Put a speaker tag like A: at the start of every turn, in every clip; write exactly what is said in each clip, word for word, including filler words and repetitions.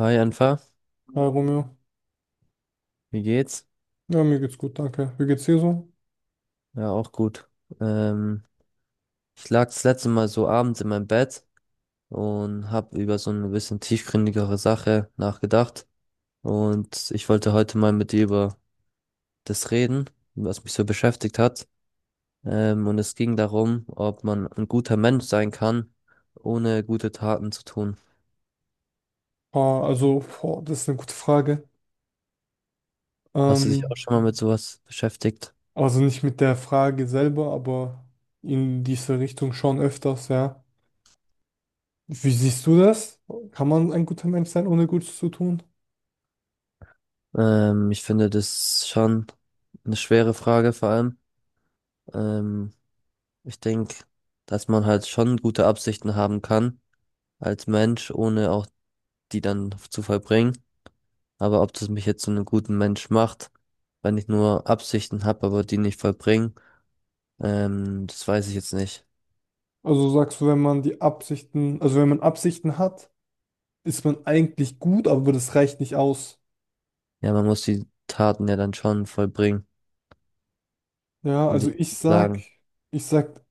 A: Hi Anfa,
B: Hi Romeo.
A: wie geht's?
B: Ja, mir geht's gut, danke. Wie geht's dir so?
A: Ja, auch gut. Ähm, Ich lag das letzte Mal so abends in meinem Bett und habe über so eine bisschen tiefgründigere Sache nachgedacht. Und ich wollte heute mal mit dir über das reden, was mich so beschäftigt hat. Ähm, und es ging darum, ob man ein guter Mensch sein kann, ohne gute Taten zu tun.
B: Ah, also, boah, das ist eine gute Frage.
A: Hast du dich
B: Ähm,
A: auch schon mal mit sowas beschäftigt?
B: also nicht mit der Frage selber, aber in diese Richtung schon öfters, ja. Wie siehst du das? Kann man ein guter Mensch sein, ohne Gutes zu tun?
A: Ähm, ich finde das schon eine schwere Frage vor allem. Ähm, Ich denke, dass man halt schon gute Absichten haben kann als Mensch, ohne auch die dann zu vollbringen. Aber ob das mich jetzt zu einem guten Mensch macht, wenn ich nur Absichten habe, aber die nicht vollbringen, ähm, das weiß ich jetzt nicht.
B: Also sagst du, wenn man die Absichten, also wenn man Absichten hat, ist man eigentlich gut, aber das reicht nicht aus.
A: Ja, man muss die Taten ja dann schon vollbringen,
B: Ja,
A: würde
B: also
A: ich
B: ich
A: jetzt mal
B: sag,
A: sagen.
B: ich sag,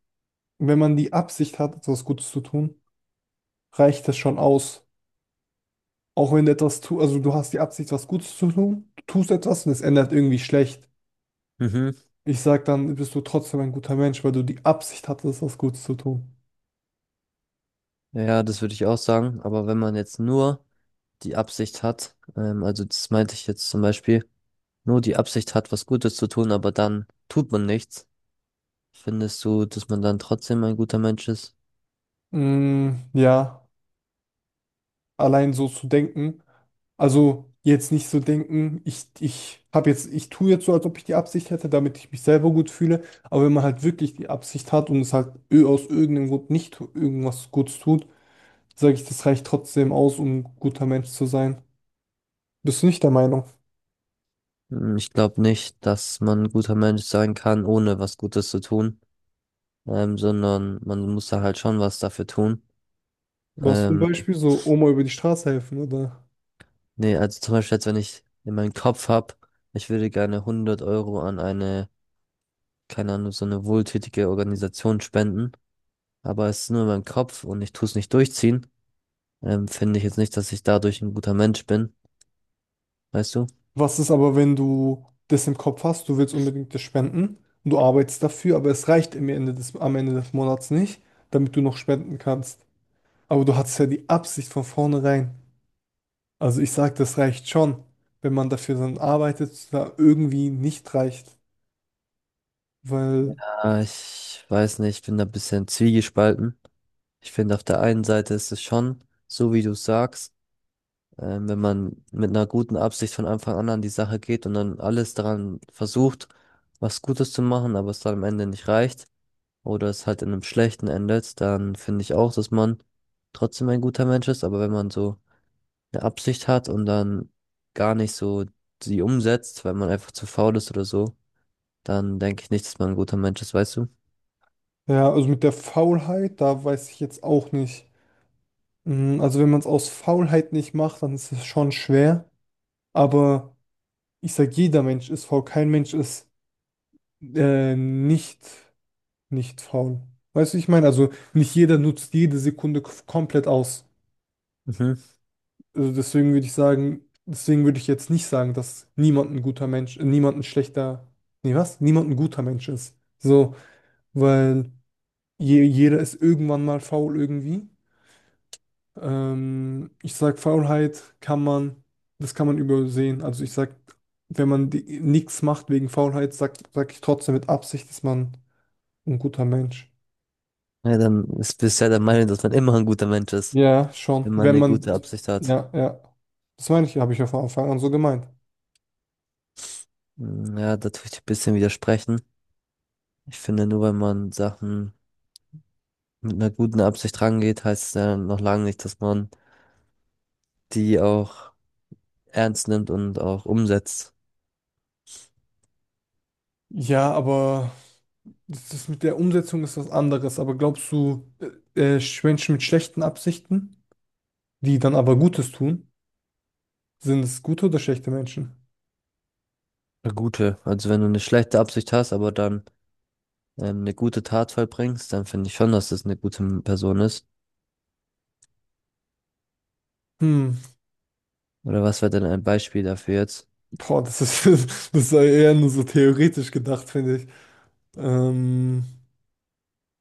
B: wenn man die Absicht hat, etwas Gutes zu tun, reicht das schon aus. Auch wenn du etwas tust, also du hast die Absicht, was Gutes zu tun, du tust etwas und es ändert irgendwie schlecht.
A: Mhm.
B: Ich sag dann, bist du trotzdem ein guter Mensch, weil du die Absicht hattest, was Gutes zu tun.
A: Ja, das würde ich auch sagen. Aber wenn man jetzt nur die Absicht hat, ähm, also das meinte ich jetzt zum Beispiel, nur die Absicht hat, was Gutes zu tun, aber dann tut man nichts. Findest du, dass man dann trotzdem ein guter Mensch ist?
B: Mm, ja, allein so zu denken. Also jetzt nicht so denken, ich, ich habe jetzt, ich tue jetzt so, als ob ich die Absicht hätte, damit ich mich selber gut fühle. Aber wenn man halt wirklich die Absicht hat und es halt ö- aus irgendeinem Grund nicht tu- irgendwas Gutes tut, sage ich, das reicht trotzdem aus, um ein guter Mensch zu sein. Bist du nicht der Meinung?
A: Hm, ich glaube nicht, dass man ein guter Mensch sein kann, ohne was Gutes zu tun, ähm, sondern man muss da halt schon was dafür tun.
B: Was zum
A: Ähm,
B: Beispiel so Oma über die Straße helfen, oder?
A: Nee, also zum Beispiel jetzt, wenn ich in meinem Kopf habe, ich würde gerne hundert Euro an eine, keine Ahnung, so eine wohltätige Organisation spenden, aber es ist nur in meinem Kopf und ich tue es nicht durchziehen, ähm, finde ich jetzt nicht, dass ich dadurch ein guter Mensch bin, weißt du?
B: Was ist aber, wenn du das im Kopf hast, du willst unbedingt das spenden und du arbeitest dafür, aber es reicht im Ende des, am Ende des Monats nicht, damit du noch spenden kannst. Aber du hattest ja die Absicht von vornherein. Also ich sag, das reicht schon, wenn man dafür dann arbeitet, es da irgendwie nicht reicht. Weil,
A: Ah, ich weiß nicht, ich bin da ein bisschen zwiegespalten. Ich finde, auf der einen Seite ist es schon, so wie du sagst, ähm, wenn man mit einer guten Absicht von Anfang an an die Sache geht und dann alles daran versucht, was Gutes zu machen, aber es dann am Ende nicht reicht oder es halt in einem schlechten endet, dann finde ich auch, dass man trotzdem ein guter Mensch ist. Aber wenn man so eine Absicht hat und dann gar nicht so sie umsetzt, weil man einfach zu faul ist oder so, dann denke ich nicht, dass man ein guter Mensch ist, weißt du?
B: ja, also mit der Faulheit, da weiß ich jetzt auch nicht. Mm. Also wenn man es aus Faulheit nicht macht, dann ist es schon schwer. Aber ich sage, jeder Mensch ist faul. Kein Mensch ist äh, nicht, nicht faul. Weißt du, ich meine, also nicht jeder nutzt jede Sekunde k- komplett aus.
A: Mhm.
B: Also deswegen würde ich sagen, deswegen würde ich jetzt nicht sagen, dass niemand ein guter Mensch, äh, niemand ein schlechter, nee, was? Niemand ein guter Mensch ist. So, weil je, jeder ist irgendwann mal faul irgendwie. Ähm, ich sag, Faulheit kann man, das kann man übersehen. Also ich sag, wenn man die, nichts macht wegen Faulheit, sag, sag ich trotzdem mit Absicht, ist man ein guter Mensch.
A: Ja, dann ist bisher der Meinung, dass man immer ein guter Mensch ist,
B: Ja, schon.
A: wenn man
B: Wenn
A: eine
B: man,
A: gute Absicht hat.
B: ja, ja. Das meine ich, habe ich ja von Anfang an so gemeint.
A: Mm, ja, da tue ich dir ein bisschen widersprechen. Ich finde, nur wenn man Sachen mit einer guten Absicht rangeht, heißt es ja noch lange nicht, dass man die auch ernst nimmt und auch umsetzt.
B: Ja, aber das, das mit der Umsetzung ist was anderes. Aber glaubst du, äh, äh, Menschen mit schlechten Absichten, die dann aber Gutes tun, sind es gute oder schlechte Menschen?
A: Eine gute. Also wenn du eine schlechte Absicht hast, aber dann ähm, eine gute Tat vollbringst, dann finde ich schon, dass das eine gute M- Person ist.
B: Hm.
A: Oder was wäre denn ein Beispiel dafür jetzt?
B: Boah, das ist, das ist eher nur so theoretisch gedacht, finde ich. Ähm,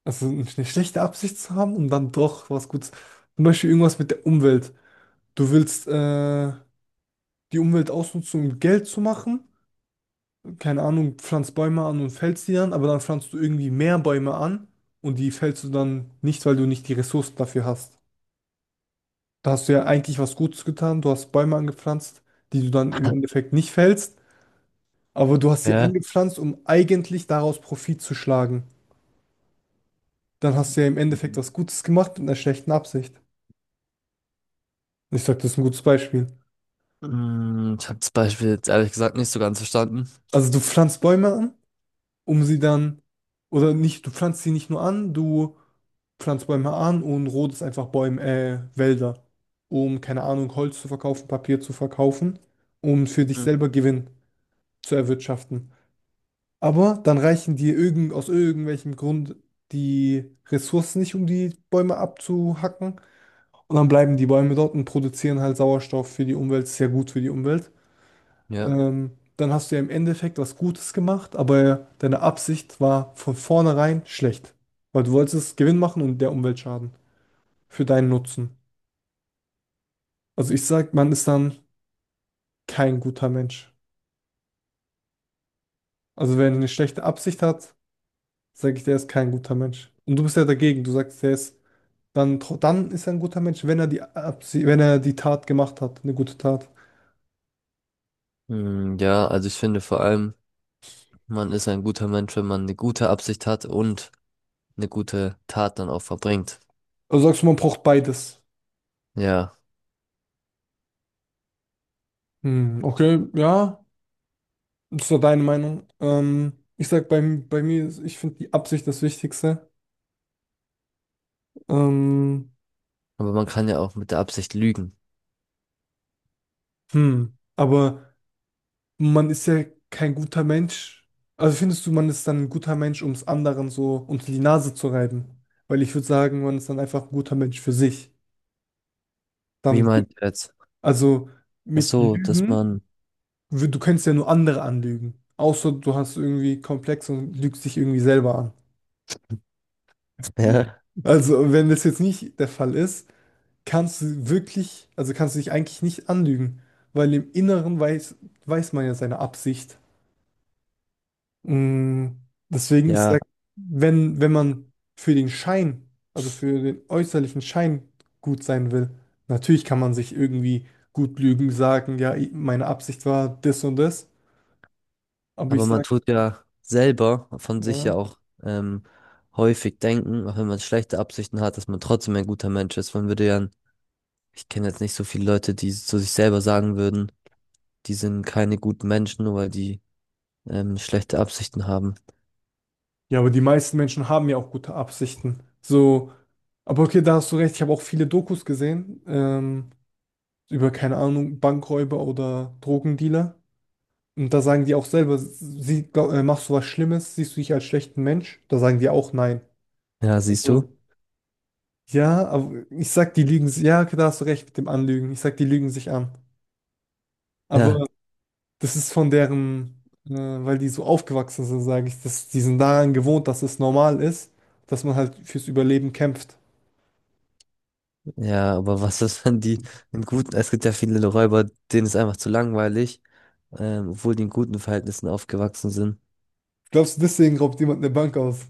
B: also eine schlechte Absicht zu haben und dann doch was Gutes. Zum Beispiel irgendwas mit der Umwelt. Du willst äh, die Umwelt ausnutzen, um Geld zu machen. Keine Ahnung, pflanzt Bäume an und fällst die dann, aber dann pflanzt du irgendwie mehr Bäume an und die fällst du dann nicht, weil du nicht die Ressourcen dafür hast. Da hast du ja eigentlich was Gutes getan. Du hast Bäume angepflanzt, die du dann im Endeffekt nicht fällst, aber du hast sie
A: Ja.
B: angepflanzt, um eigentlich daraus Profit zu schlagen. Dann hast du ja im Endeffekt
A: Mhm.
B: was Gutes gemacht mit einer schlechten Absicht. Ich sag, das ist ein gutes Beispiel.
A: Mm, ich habe das Beispiel jetzt ehrlich gesagt nicht so ganz verstanden.
B: Also du pflanzt Bäume an, um sie dann, oder nicht, du pflanzt sie nicht nur an, du pflanzt Bäume an und rodest einfach Bäume, äh, Wälder, um, keine Ahnung, Holz zu verkaufen, Papier zu verkaufen, um für dich
A: Mhm.
B: selber Gewinn zu erwirtschaften. Aber dann reichen dir irgend, aus irgendwelchem Grund die Ressourcen nicht, um die Bäume abzuhacken. Und dann bleiben die Bäume dort und produzieren halt Sauerstoff für die Umwelt, ist ja gut für die Umwelt.
A: Ja.
B: Ähm, dann hast du ja im Endeffekt was Gutes gemacht, aber deine Absicht war von vornherein schlecht, weil du wolltest Gewinn machen und der Umwelt schaden für deinen Nutzen. Also ich sag, man ist dann kein guter Mensch. Also wenn er eine schlechte Absicht hat, sage ich, der ist kein guter Mensch. Und du bist ja dagegen, du sagst, der ist dann, tro- dann ist er ein guter Mensch, wenn er die Absicht, wenn er die Tat gemacht hat, eine gute Tat.
A: Mm, ja, also ich finde vor allem. Man ist ein guter Mensch, wenn man eine gute Absicht hat und eine gute Tat dann auch verbringt.
B: Also sagst du, man braucht beides.
A: Ja,
B: Hm, okay, ja. Das war deine Meinung. Ähm, ich sag, bei, bei mir, ist- ich finde die Absicht das Wichtigste. Ähm,
A: aber man kann ja auch mit der Absicht lügen.
B: hm, aber man ist ja kein guter Mensch. Also findest du, man ist dann ein guter Mensch, um es anderen so unter die Nase zu reiben? Weil ich würde sagen, man ist dann einfach ein guter Mensch für sich.
A: Wie
B: Dann, wü-
A: meint ihr jetzt?
B: also
A: Ach
B: mit
A: so, dass
B: Lügen,
A: man,
B: wü- du könntest ja nur andere anlügen. Außer du hast irgendwie Komplex und lügst dich irgendwie selber an.
A: ja,
B: Also, wenn das jetzt nicht der Fall ist, kannst du wirklich, also kannst du dich eigentlich nicht anlügen, weil im Inneren weiß, weiß man ja seine Absicht. Mm. Deswegen, ich
A: ja,
B: sag, wenn, wenn man für den Schein, also für den äußerlichen Schein gut sein will, natürlich kann man sich irgendwie gut lügen, sagen, ja, ich- meine Absicht war das und das, aber ich
A: aber man
B: sag,
A: tut ja selber von sich ja
B: ja,
A: auch ähm, häufig denken, auch wenn man schlechte Absichten hat, dass man trotzdem ein guter Mensch ist. Man würde ja, ich kenne jetzt nicht so viele Leute, die zu sich selber sagen würden, die sind keine guten Menschen, nur weil die ähm, schlechte Absichten haben.
B: ja, aber die meisten Menschen haben ja auch gute Absichten. So, aber okay, da hast du recht, ich habe auch viele Dokus gesehen, ähm, über, keine Ahnung, Bankräuber oder Drogendealer. Und da sagen die auch selber, sie, glaub, äh, machst du was Schlimmes, siehst du dich als schlechten Mensch? Da sagen die auch nein.
A: Ja, siehst
B: Also,
A: du?
B: ja, aber ich sag, die lügen, si- ja, okay, da hast du recht mit dem Anlügen. Ich sag, die lügen sich an.
A: Ja.
B: Aber das ist von deren, äh, weil die so aufgewachsen sind, sage ich, dass die sind daran gewohnt, dass es normal ist, dass man halt fürs Überleben kämpft.
A: Ja, aber was ist, wenn die einen guten, es gibt ja viele Räuber, denen ist einfach zu langweilig, ähm, obwohl die in guten Verhältnissen aufgewachsen sind.
B: Glaubst du, deswegen raubt jemand eine Bank aus?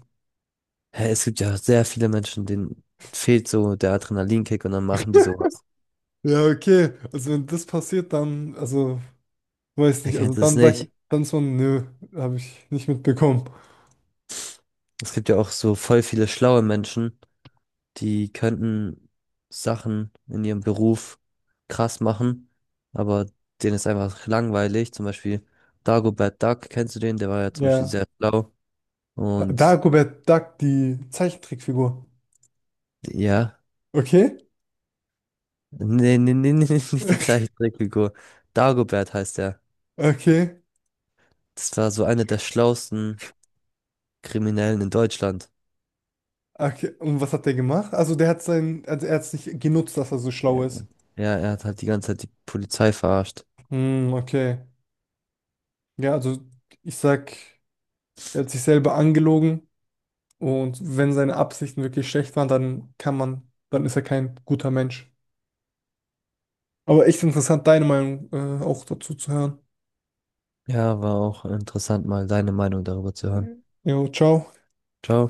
A: Hä, es gibt ja sehr viele Menschen, denen fehlt so der Adrenalinkick und dann machen die sowas.
B: Ja, okay. Also wenn das passiert, dann, also weiß
A: Er
B: nicht, also
A: kennt es
B: dann sagt nee,
A: nicht.
B: dann so, nö, habe ich nicht mitbekommen.
A: Es gibt ja auch so voll viele schlaue Menschen, die könnten Sachen in ihrem Beruf krass machen, aber denen ist einfach langweilig. Zum Beispiel Dagobert Duck, kennst du den? Der war ja zum Beispiel
B: Ja.
A: sehr schlau und
B: Dagobert Duck, die Zeichentrickfigur.
A: ja.
B: Okay,
A: Nee, nee, nee, nee, nicht die Zeichentrickfigur. Dagobert heißt er.
B: okay,
A: Das war so einer der schlauesten Kriminellen in Deutschland.
B: okay. Und was hat der gemacht? Also der hat sein, also er hat es nicht genutzt, dass er so schlau
A: Ja,
B: ist.
A: ja, er hat halt die ganze Zeit die Polizei verarscht.
B: Hm, okay. Ja, also ich sag, er hat sich selber angelogen und wenn seine Absichten wirklich schlecht waren, dann kann man, dann ist er kein guter Mensch. Aber echt interessant, deine Meinung, äh, auch dazu zu hören.
A: Ja, war auch interessant, mal deine Meinung darüber zu hören.
B: Jo, ciao.
A: Ciao.